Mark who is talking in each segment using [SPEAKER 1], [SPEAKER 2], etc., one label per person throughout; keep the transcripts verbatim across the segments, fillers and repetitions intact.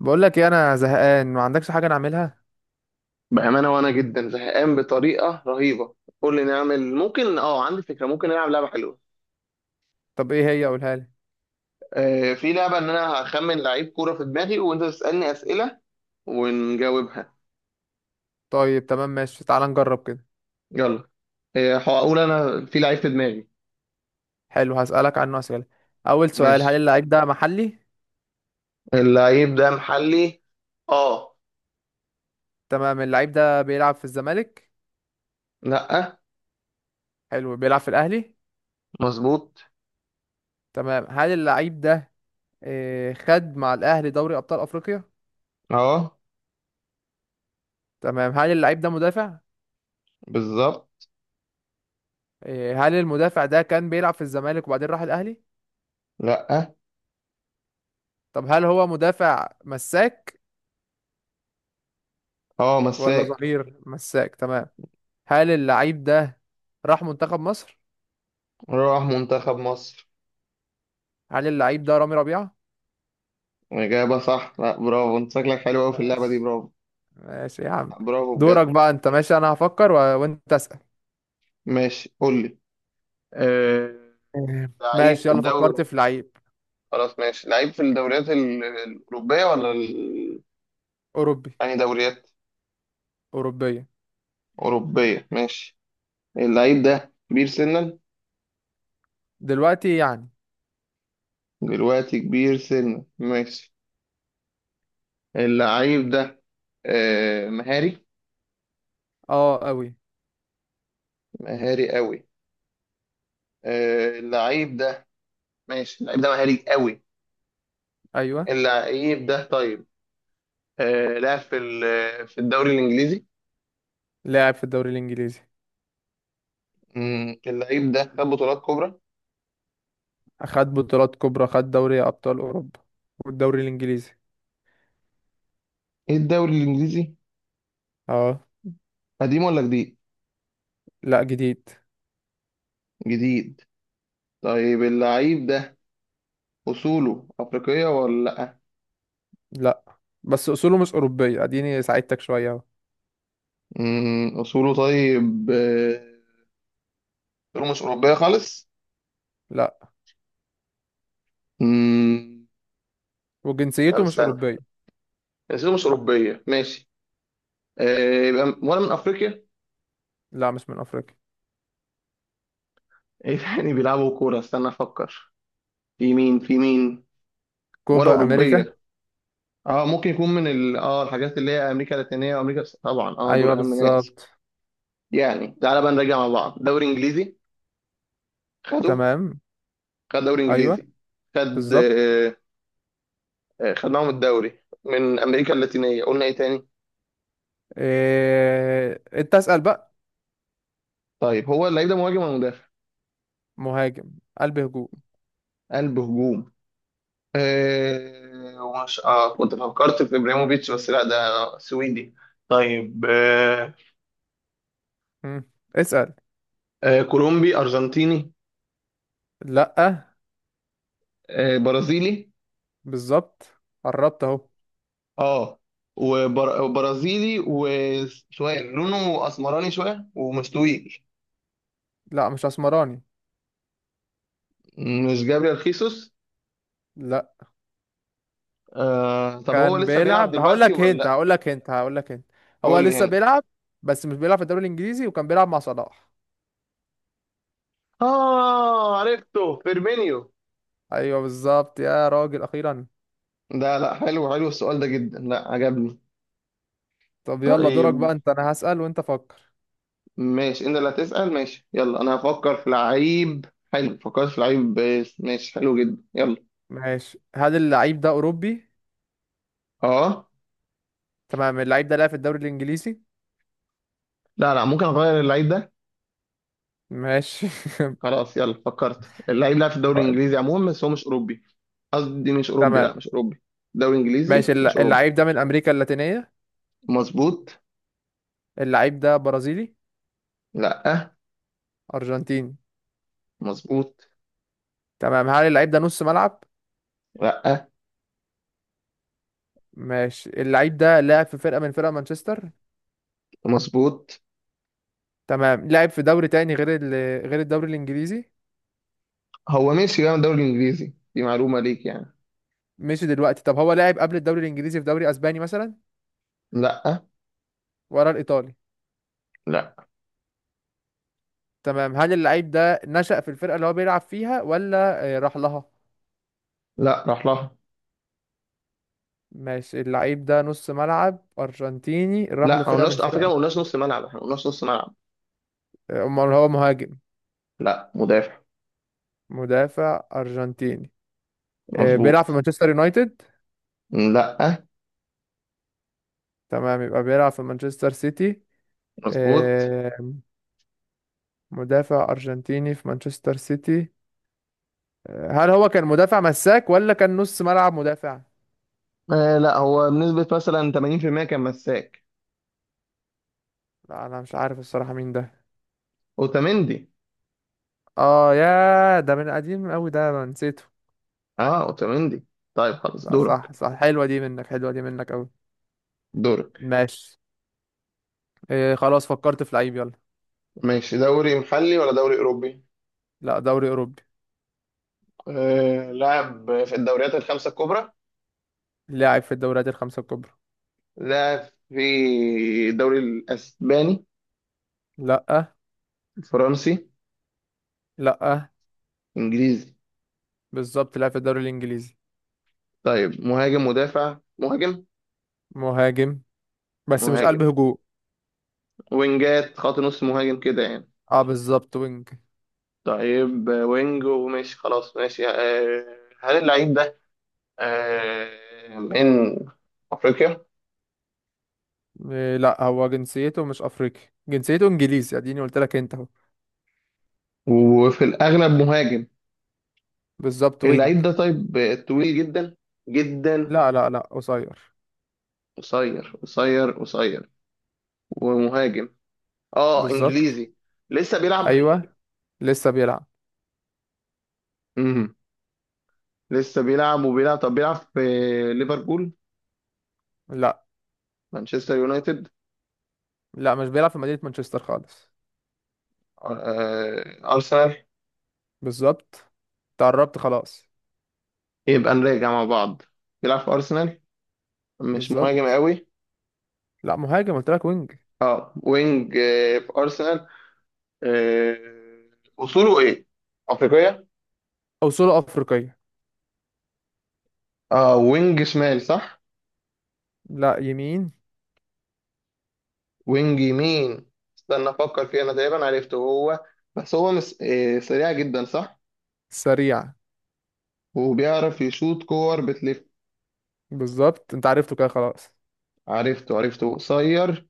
[SPEAKER 1] بقول لك ايه، انا زهقان، ما عندكش حاجه نعملها؟
[SPEAKER 2] بأمانة، وأنا جدا زهقان بطريقة رهيبة. قول لي نعمل، ممكن، اه عندي فكرة، ممكن نلعب لعبة حلوة.
[SPEAKER 1] طب ايه هي؟ قولها لي.
[SPEAKER 2] آه في لعبة إن أنا هخمن لعيب كورة في دماغي وأنت تسألني أسئلة ونجاوبها.
[SPEAKER 1] طيب، تمام، ماشي، تعال نجرب كده.
[SPEAKER 2] يلا. آه هقول أنا في لعيب في دماغي.
[SPEAKER 1] حلو، هسالك عنه اسئله. اول سؤال: هل
[SPEAKER 2] ماشي،
[SPEAKER 1] اللعيب ده محلي؟
[SPEAKER 2] اللعيب ده محلي. اه.
[SPEAKER 1] تمام. اللعيب ده بيلعب في الزمالك؟
[SPEAKER 2] لأ.
[SPEAKER 1] حلو. بيلعب في الاهلي؟
[SPEAKER 2] مظبوط.
[SPEAKER 1] تمام. هل اللعيب ده إيه، خد مع الاهلي دوري ابطال افريقيا؟
[SPEAKER 2] اه.
[SPEAKER 1] تمام. هل اللعيب ده مدافع؟
[SPEAKER 2] بالظبط.
[SPEAKER 1] إيه، هل المدافع ده كان بيلعب في الزمالك وبعدين راح الاهلي؟
[SPEAKER 2] لأ.
[SPEAKER 1] طب هل هو مدافع مساك
[SPEAKER 2] اه
[SPEAKER 1] ولا
[SPEAKER 2] مساك.
[SPEAKER 1] ظهير مساك؟ تمام. هل اللعيب ده راح منتخب مصر؟
[SPEAKER 2] راح منتخب مصر.
[SPEAKER 1] هل اللعيب ده رامي ربيعة؟
[SPEAKER 2] إجابة صح. لأ، برافو، أنت شكلك حلو أوي في اللعبة دي،
[SPEAKER 1] بس؟
[SPEAKER 2] برافو.
[SPEAKER 1] ماشي يا عم.
[SPEAKER 2] برافو
[SPEAKER 1] دورك
[SPEAKER 2] بجد.
[SPEAKER 1] بقى انت. ماشي، انا هفكر و... وانت اسأل.
[SPEAKER 2] ماشي، قول لي. آه،
[SPEAKER 1] آه،
[SPEAKER 2] لعيب
[SPEAKER 1] ماشي،
[SPEAKER 2] في
[SPEAKER 1] يلا فكرت
[SPEAKER 2] الدوري.
[SPEAKER 1] في لعيب.
[SPEAKER 2] خلاص ماشي، لعيب في الدوريات ال- الأوروبية ولا ال...
[SPEAKER 1] اوروبي.
[SPEAKER 2] يعني دوريات
[SPEAKER 1] اوروبية.
[SPEAKER 2] أوروبية. ماشي، اللعيب ده كبير سنا.
[SPEAKER 1] دلوقتي يعني؟
[SPEAKER 2] دلوقتي كبير سنا، ماشي. اللعيب ده، آه، مهاري.
[SPEAKER 1] اه، قوي.
[SPEAKER 2] مهاري قوي. آه، اللعيب ده ماشي، اللعيب ده مهاري قوي.
[SPEAKER 1] ايوه.
[SPEAKER 2] اللعيب ده طيب، آه، لعب في ال- في الدوري الإنجليزي.
[SPEAKER 1] لاعب في الدوري الانجليزي.
[SPEAKER 2] مم، اللعيب ده خد بطولات كبرى.
[SPEAKER 1] خد بطولات كبرى، خد دوري ابطال اوروبا والدوري الانجليزي.
[SPEAKER 2] ايه الدوري الإنجليزي؟
[SPEAKER 1] اه.
[SPEAKER 2] قديم ولا جديد؟
[SPEAKER 1] لا، جديد.
[SPEAKER 2] جديد. طيب اللعيب ده، أصوله أفريقية ولا لأ؟
[SPEAKER 1] لا. بس اصوله مش اوروبية، اديني ساعدتك شوية اهو.
[SPEAKER 2] مم، أصوله طيب، آه، أصوله مش أوروبية خالص؟
[SPEAKER 1] لا،
[SPEAKER 2] مم. طب
[SPEAKER 1] وجنسيته مش
[SPEAKER 2] استنى،
[SPEAKER 1] اوروبية.
[SPEAKER 2] أصوله مش أوروبية ماشي. آه، يبقى م- ولا من أفريقيا؟
[SPEAKER 1] لا، مش من افريقيا.
[SPEAKER 2] إيه تاني بيلعبوا كورة؟ استنى أفكر، في مين في مين. ولا
[SPEAKER 1] كوبا امريكا.
[SPEAKER 2] أوروبية. اه ممكن يكون من ال... اه الحاجات اللي هي امريكا اللاتينيه، وامريكا طبعا، اه دول
[SPEAKER 1] ايوه،
[SPEAKER 2] اهم ناس.
[SPEAKER 1] بالظبط.
[SPEAKER 2] يعني تعالى بقى نرجع مع بعض. دوري انجليزي، خده.
[SPEAKER 1] تمام.
[SPEAKER 2] خد دوري
[SPEAKER 1] ايوه،
[SPEAKER 2] انجليزي. خد،
[SPEAKER 1] بالظبط.
[SPEAKER 2] آه، آه، خدناهم الدوري. من امريكا اللاتينيه. قلنا ايه تاني؟
[SPEAKER 1] إيه... انت اسأل بقى.
[SPEAKER 2] طيب، هو اللعيب ده مهاجم ولا مدافع؟
[SPEAKER 1] مهاجم. قلب هجوم.
[SPEAKER 2] قلب هجوم. آه ومش اه كنت فكرت في ابراهيموفيتش، بس لا، ده سويدي. طيب. آه.
[SPEAKER 1] مم. اسأل.
[SPEAKER 2] آه كولومبي، ارجنتيني.
[SPEAKER 1] لا.
[SPEAKER 2] آه برازيلي.
[SPEAKER 1] بالظبط، قربت اهو.
[SPEAKER 2] اه وبر- وبرازيلي، وشويه لونه اسمراني شويه، ومش طويل.
[SPEAKER 1] لا، مش اسمراني.
[SPEAKER 2] مش جابريل خيسوس؟
[SPEAKER 1] لا.
[SPEAKER 2] آه، طب هو
[SPEAKER 1] كان
[SPEAKER 2] لسه بيلعب
[SPEAKER 1] بيلعب، هقول
[SPEAKER 2] دلوقتي
[SPEAKER 1] لك
[SPEAKER 2] ولا
[SPEAKER 1] هنت،
[SPEAKER 2] لا؟
[SPEAKER 1] هقول لك هنت، هقول لك هنت. هو
[SPEAKER 2] قول لي
[SPEAKER 1] لسه
[SPEAKER 2] هنا.
[SPEAKER 1] بيلعب، بس مش بيلعب في الدوري الانجليزي وكان بيلعب مع صلاح.
[SPEAKER 2] اه عرفته، فيرمينيو.
[SPEAKER 1] ايوه، بالظبط يا راجل، اخيرا.
[SPEAKER 2] ده لا، حلو، حلو السؤال ده جدا، لا عجبني.
[SPEAKER 1] طب يلا، دورك
[SPEAKER 2] طيب
[SPEAKER 1] بقى انت. انا هسأل وانت فكر.
[SPEAKER 2] ماشي، انت اللي هتسأل، ماشي يلا، انا هفكر في لعيب. حلو، فكرت في لعيب، بس ماشي، حلو جدا، يلا.
[SPEAKER 1] ماشي. هل اللعيب ده اوروبي؟
[SPEAKER 2] اه.
[SPEAKER 1] تمام. اللعيب ده لعب في الدوري الانجليزي؟
[SPEAKER 2] لا لا، ممكن اغير اللعيب ده.
[SPEAKER 1] ماشي.
[SPEAKER 2] خلاص يلا، فكرت، اللعيب لعب في الدوري الانجليزي عموما، بس هو مش اوروبي. قصدي مش اوروبي،
[SPEAKER 1] تمام.
[SPEAKER 2] لا مش اوروبي. دوري
[SPEAKER 1] ماشي.
[SPEAKER 2] انجليزي مش
[SPEAKER 1] الل-
[SPEAKER 2] اوروبي.
[SPEAKER 1] اللعيب ده من امريكا اللاتينية؟
[SPEAKER 2] مظبوط.
[SPEAKER 1] اللعيب ده برازيلي؟
[SPEAKER 2] لا.
[SPEAKER 1] ارجنتيني؟
[SPEAKER 2] مظبوط.
[SPEAKER 1] تمام. هل اللعيب ده نص ملعب؟
[SPEAKER 2] لا.
[SPEAKER 1] ماشي. اللعيب ده لاعب في فرقة من فرق مانشستر؟
[SPEAKER 2] مظبوط.
[SPEAKER 1] تمام. لعب في دوري تاني غير ال... غير الدوري الانجليزي؟
[SPEAKER 2] هو ماشي بقى، من الدوري الانجليزي، دي معلومة ليك يعني.
[SPEAKER 1] مش دلوقتي. طب هو لعب قبل الدوري الانجليزي في دوري اسباني مثلا؟
[SPEAKER 2] لا.
[SPEAKER 1] ورا الايطالي؟
[SPEAKER 2] لا.
[SPEAKER 1] تمام. هل اللعيب ده نشأ في الفرقة اللي هو بيلعب فيها ولا آه، راح لها؟
[SPEAKER 2] لا راح لها.
[SPEAKER 1] ماشي. اللعيب ده نص ملعب ارجنتيني راح
[SPEAKER 2] لا ما
[SPEAKER 1] لفرقة من
[SPEAKER 2] قلناش على
[SPEAKER 1] فرق.
[SPEAKER 2] فكره، ما قلناش نص ملعب، احنا ما قلناش نص ملعب.
[SPEAKER 1] امال هو مهاجم؟
[SPEAKER 2] لا، مدافع.
[SPEAKER 1] مدافع ارجنتيني. آه، بيلعب في
[SPEAKER 2] مظبوط.
[SPEAKER 1] مانشستر يونايتد؟
[SPEAKER 2] لا.
[SPEAKER 1] تمام، يبقى بيلعب في مانشستر سيتي.
[SPEAKER 2] مظبوط.
[SPEAKER 1] آه، مدافع أرجنتيني في مانشستر سيتي. آه، هل هو كان مدافع مساك ولا كان نص ملعب مدافع؟
[SPEAKER 2] آه لا، هو بنسبه مثلا ثمانين في المية كان مساك.
[SPEAKER 1] لا انا مش عارف الصراحة مين ده.
[SPEAKER 2] اوتاميندي.
[SPEAKER 1] اه، يا ده من قديم قوي ده، انا نسيته.
[SPEAKER 2] اه، اوتاميندي. طيب خلاص،
[SPEAKER 1] لا
[SPEAKER 2] دورك.
[SPEAKER 1] صح، صح، حلوة دي منك، حلوة دي منك قوي.
[SPEAKER 2] دورك.
[SPEAKER 1] ماشي. آه، خلاص، فكرت في لعيب، يلا.
[SPEAKER 2] ماشي، دوري محلي ولا دوري اوروبي؟
[SPEAKER 1] لا، دوري أوروبي.
[SPEAKER 2] آه لعب في الدوريات الخمسه الكبرى.
[SPEAKER 1] لاعب في الدوريات الخمسة الكبرى.
[SPEAKER 2] لعب في الدوري الاسباني؟
[SPEAKER 1] لا.
[SPEAKER 2] الفرنسي؟
[SPEAKER 1] لا.
[SPEAKER 2] انجليزي.
[SPEAKER 1] بالظبط، لاعب في الدوري الإنجليزي.
[SPEAKER 2] طيب مهاجم، مدافع، مهاجم؟
[SPEAKER 1] مهاجم، بس مش قلب
[SPEAKER 2] مهاجم،
[SPEAKER 1] هجوم.
[SPEAKER 2] وينجات، خط نص مهاجم كده يعني.
[SPEAKER 1] اه، بالظبط وينج.
[SPEAKER 2] طيب آه، وينج، وماشي، خلاص ماشي. آه، هل اللعيب ده آه، من أفريقيا؟
[SPEAKER 1] إيه، لا هو جنسيته مش افريقي. جنسيته انجليزي، اديني قلت لك انت اهو.
[SPEAKER 2] وفي الأغلب مهاجم.
[SPEAKER 1] بالظبط، وينج.
[SPEAKER 2] اللعيب ده طيب، آه، طويل جدا جدا؟
[SPEAKER 1] لا لا لا، قصير.
[SPEAKER 2] قصير، قصير، قصير، ومهاجم، اه
[SPEAKER 1] بالظبط.
[SPEAKER 2] انجليزي. لسه بيلعب.
[SPEAKER 1] ايوه، لسه بيلعب.
[SPEAKER 2] امم لسه بيلعب وبيلعب، طب بيلعب في ليفربول؟
[SPEAKER 1] لا.
[SPEAKER 2] مانشستر يونايتد؟
[SPEAKER 1] لا، مش بيلعب في مدينة مانشستر خالص.
[SPEAKER 2] آه، آه، ارسنال.
[SPEAKER 1] بالظبط. تقربت خلاص.
[SPEAKER 2] يبقى نراجع مع بعض، بيلعب في ارسنال، مش مهاجم
[SPEAKER 1] بالظبط.
[SPEAKER 2] قوي.
[SPEAKER 1] لا، مهاجم قلت لك، وينج.
[SPEAKER 2] اه وينج، آه، في ارسنال. آه، اصوله ايه؟ افريقيه.
[SPEAKER 1] اصوله افريقية.
[SPEAKER 2] اه، وينج شمال صح؟
[SPEAKER 1] لا، يمين.
[SPEAKER 2] وينج يمين. استنى افكر فيه، انا تقريبا عرفته هو، بس هو مس... آه، سريع جدا صح؟
[SPEAKER 1] سريع.
[SPEAKER 2] وبيعرف يشوط كور بتلف.
[SPEAKER 1] بالظبط، انت عرفته كده خلاص.
[SPEAKER 2] عرفته، عرفته، قصير،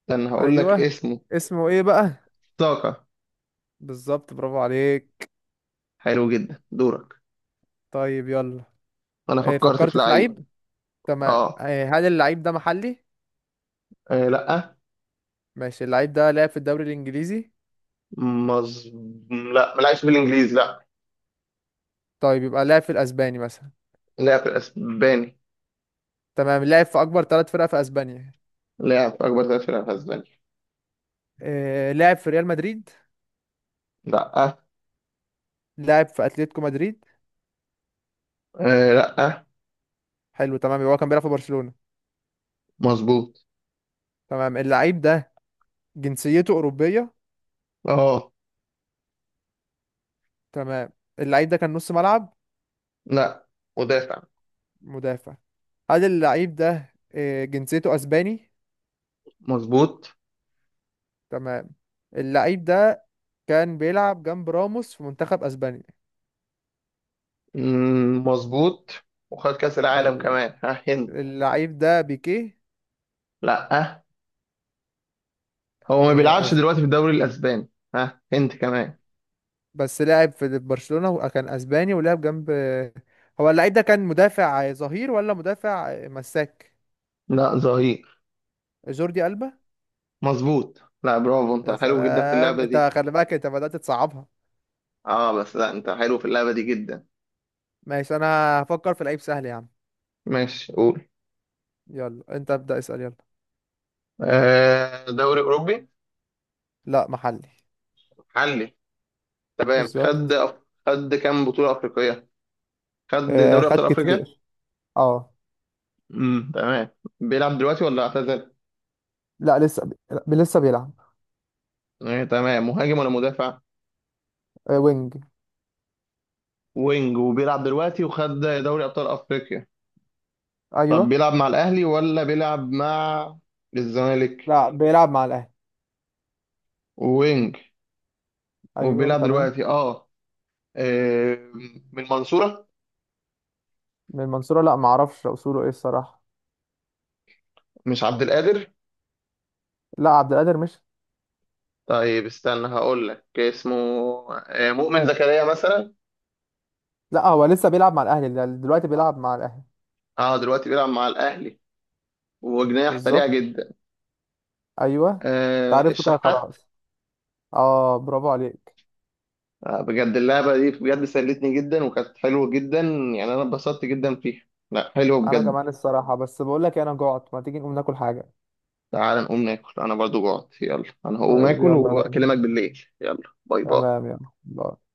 [SPEAKER 2] استنى هقول لك
[SPEAKER 1] ايوه.
[SPEAKER 2] اسمه.
[SPEAKER 1] اسمه ايه بقى؟
[SPEAKER 2] ساكا.
[SPEAKER 1] بالظبط، برافو عليك.
[SPEAKER 2] حلو جدا، دورك.
[SPEAKER 1] طيب، يلا.
[SPEAKER 2] انا
[SPEAKER 1] إيه،
[SPEAKER 2] فكرت
[SPEAKER 1] فكرت
[SPEAKER 2] في
[SPEAKER 1] في
[SPEAKER 2] لعيب.
[SPEAKER 1] لعيب. تمام.
[SPEAKER 2] اه.
[SPEAKER 1] آه، هل اللعيب ده محلي؟
[SPEAKER 2] آه، لا.
[SPEAKER 1] ماشي. اللعيب ده لعب في الدوري الانجليزي؟
[SPEAKER 2] مز... لا ما لعبش في الانجليزي، لا.
[SPEAKER 1] طيب، يبقى لعب في الاسباني مثلا؟
[SPEAKER 2] لعب في الاسباني.
[SPEAKER 1] تمام. لعب في اكبر ثلاث فرق في اسبانيا؟
[SPEAKER 2] لعب في اكبر ثلاث فرق في اسبانيا.
[SPEAKER 1] آه، لعب في ريال مدريد؟
[SPEAKER 2] لا.
[SPEAKER 1] لعب في اتلتيكو مدريد؟
[SPEAKER 2] آه لا.
[SPEAKER 1] حلو، تمام. يبقى هو كان بيلعب في برشلونة.
[SPEAKER 2] مظبوط.
[SPEAKER 1] تمام. اللعيب ده جنسيته اوروبية.
[SPEAKER 2] اه.
[SPEAKER 1] تمام. اللعيب ده كان نص ملعب؟
[SPEAKER 2] لا مدافع.
[SPEAKER 1] مدافع. هل اللعيب ده آه، جنسيته اسباني؟
[SPEAKER 2] مظبوط.
[SPEAKER 1] تمام. اللعيب ده كان بيلعب جنب راموس في منتخب اسبانيا.
[SPEAKER 2] مم، مظبوط. وخد كأس العالم
[SPEAKER 1] ال-
[SPEAKER 2] كمان ها هند.
[SPEAKER 1] اللعيب ده بيكيه؟
[SPEAKER 2] لا. هو ما بيلعبش دلوقتي في الدوري الأسباني ها هند كمان.
[SPEAKER 1] بس لعب في برشلونة وكان اسباني ولعب جنب. هو اللعيب ده كان مدافع ظهير ولا مدافع مساك؟
[SPEAKER 2] لا، ظهير.
[SPEAKER 1] جوردي ألبا.
[SPEAKER 2] مظبوط، لا برافو، انت
[SPEAKER 1] يا
[SPEAKER 2] حلو جدا في
[SPEAKER 1] سلام،
[SPEAKER 2] اللعبة دي.
[SPEAKER 1] انت خلي بالك، انت بدأت تصعبها.
[SPEAKER 2] اه بس لا، انت حلو في اللعبة دي جدا.
[SPEAKER 1] ماشي. انا هفكر في لعيب سهل يا عم.
[SPEAKER 2] ماشي قول.
[SPEAKER 1] يلا انت ابدأ، اسأل يلا.
[SPEAKER 2] آه دوري أوروبي.
[SPEAKER 1] لا، محلي.
[SPEAKER 2] حلي. تمام، خد
[SPEAKER 1] بالظبط.
[SPEAKER 2] أف... خد كام بطولة أفريقية؟ خد
[SPEAKER 1] آه
[SPEAKER 2] دوري
[SPEAKER 1] خد
[SPEAKER 2] أبطال أفريقيا.
[SPEAKER 1] كتير. اه.
[SPEAKER 2] امم تمام، بيلعب دلوقتي ولا اعتزل؟
[SPEAKER 1] لا، لسه. بي... لسه بيلعب.
[SPEAKER 2] إيه تمام، مهاجم ولا مدافع؟
[SPEAKER 1] آه وينج.
[SPEAKER 2] وينج، وبيلعب دلوقتي، وخد دوري ابطال افريقيا. طب
[SPEAKER 1] ايوه.
[SPEAKER 2] بيلعب مع الاهلي ولا بيلعب مع الزمالك؟
[SPEAKER 1] لا، بيلعب مع الاهلي.
[SPEAKER 2] وينج،
[SPEAKER 1] ايوه،
[SPEAKER 2] وبيلعب
[SPEAKER 1] تمام.
[SPEAKER 2] دلوقتي اه. آه، من المنصورة؟
[SPEAKER 1] من المنصورة؟ لا معرفش اصوله ايه الصراحة.
[SPEAKER 2] مش عبد القادر؟
[SPEAKER 1] لا، عبد القادر مش.
[SPEAKER 2] طيب استنى هقول لك اسمه. آه، مؤمن زكريا مثلا.
[SPEAKER 1] لا، هو لسه بيلعب مع الاهلي، ده دلوقتي بيلعب مع الاهلي.
[SPEAKER 2] اه دلوقتي بيلعب مع الاهلي، وجناح سريع
[SPEAKER 1] بالظبط.
[SPEAKER 2] جدا.
[SPEAKER 1] ايوه.
[SPEAKER 2] آه،
[SPEAKER 1] تعرفته كده
[SPEAKER 2] الشحات.
[SPEAKER 1] خلاص. اه، برافو عليك.
[SPEAKER 2] آه بجد، اللعبة دي بجد سلتني جدا وكانت حلوة جدا، يعني انا اتبسطت جدا فيها. لا حلوة
[SPEAKER 1] انا
[SPEAKER 2] بجد.
[SPEAKER 1] كمان الصراحه، بس بقول لك إيه، انا جوعت، ما تيجي نقوم ناكل حاجه؟
[SPEAKER 2] تعال نقوم ناكل، انا برضو جوعت، يلا انا هقوم
[SPEAKER 1] طيب،
[SPEAKER 2] اكل
[SPEAKER 1] يلا بينا.
[SPEAKER 2] واكلمك بالليل، يلا. باي باي.
[SPEAKER 1] تمام، يلا باي.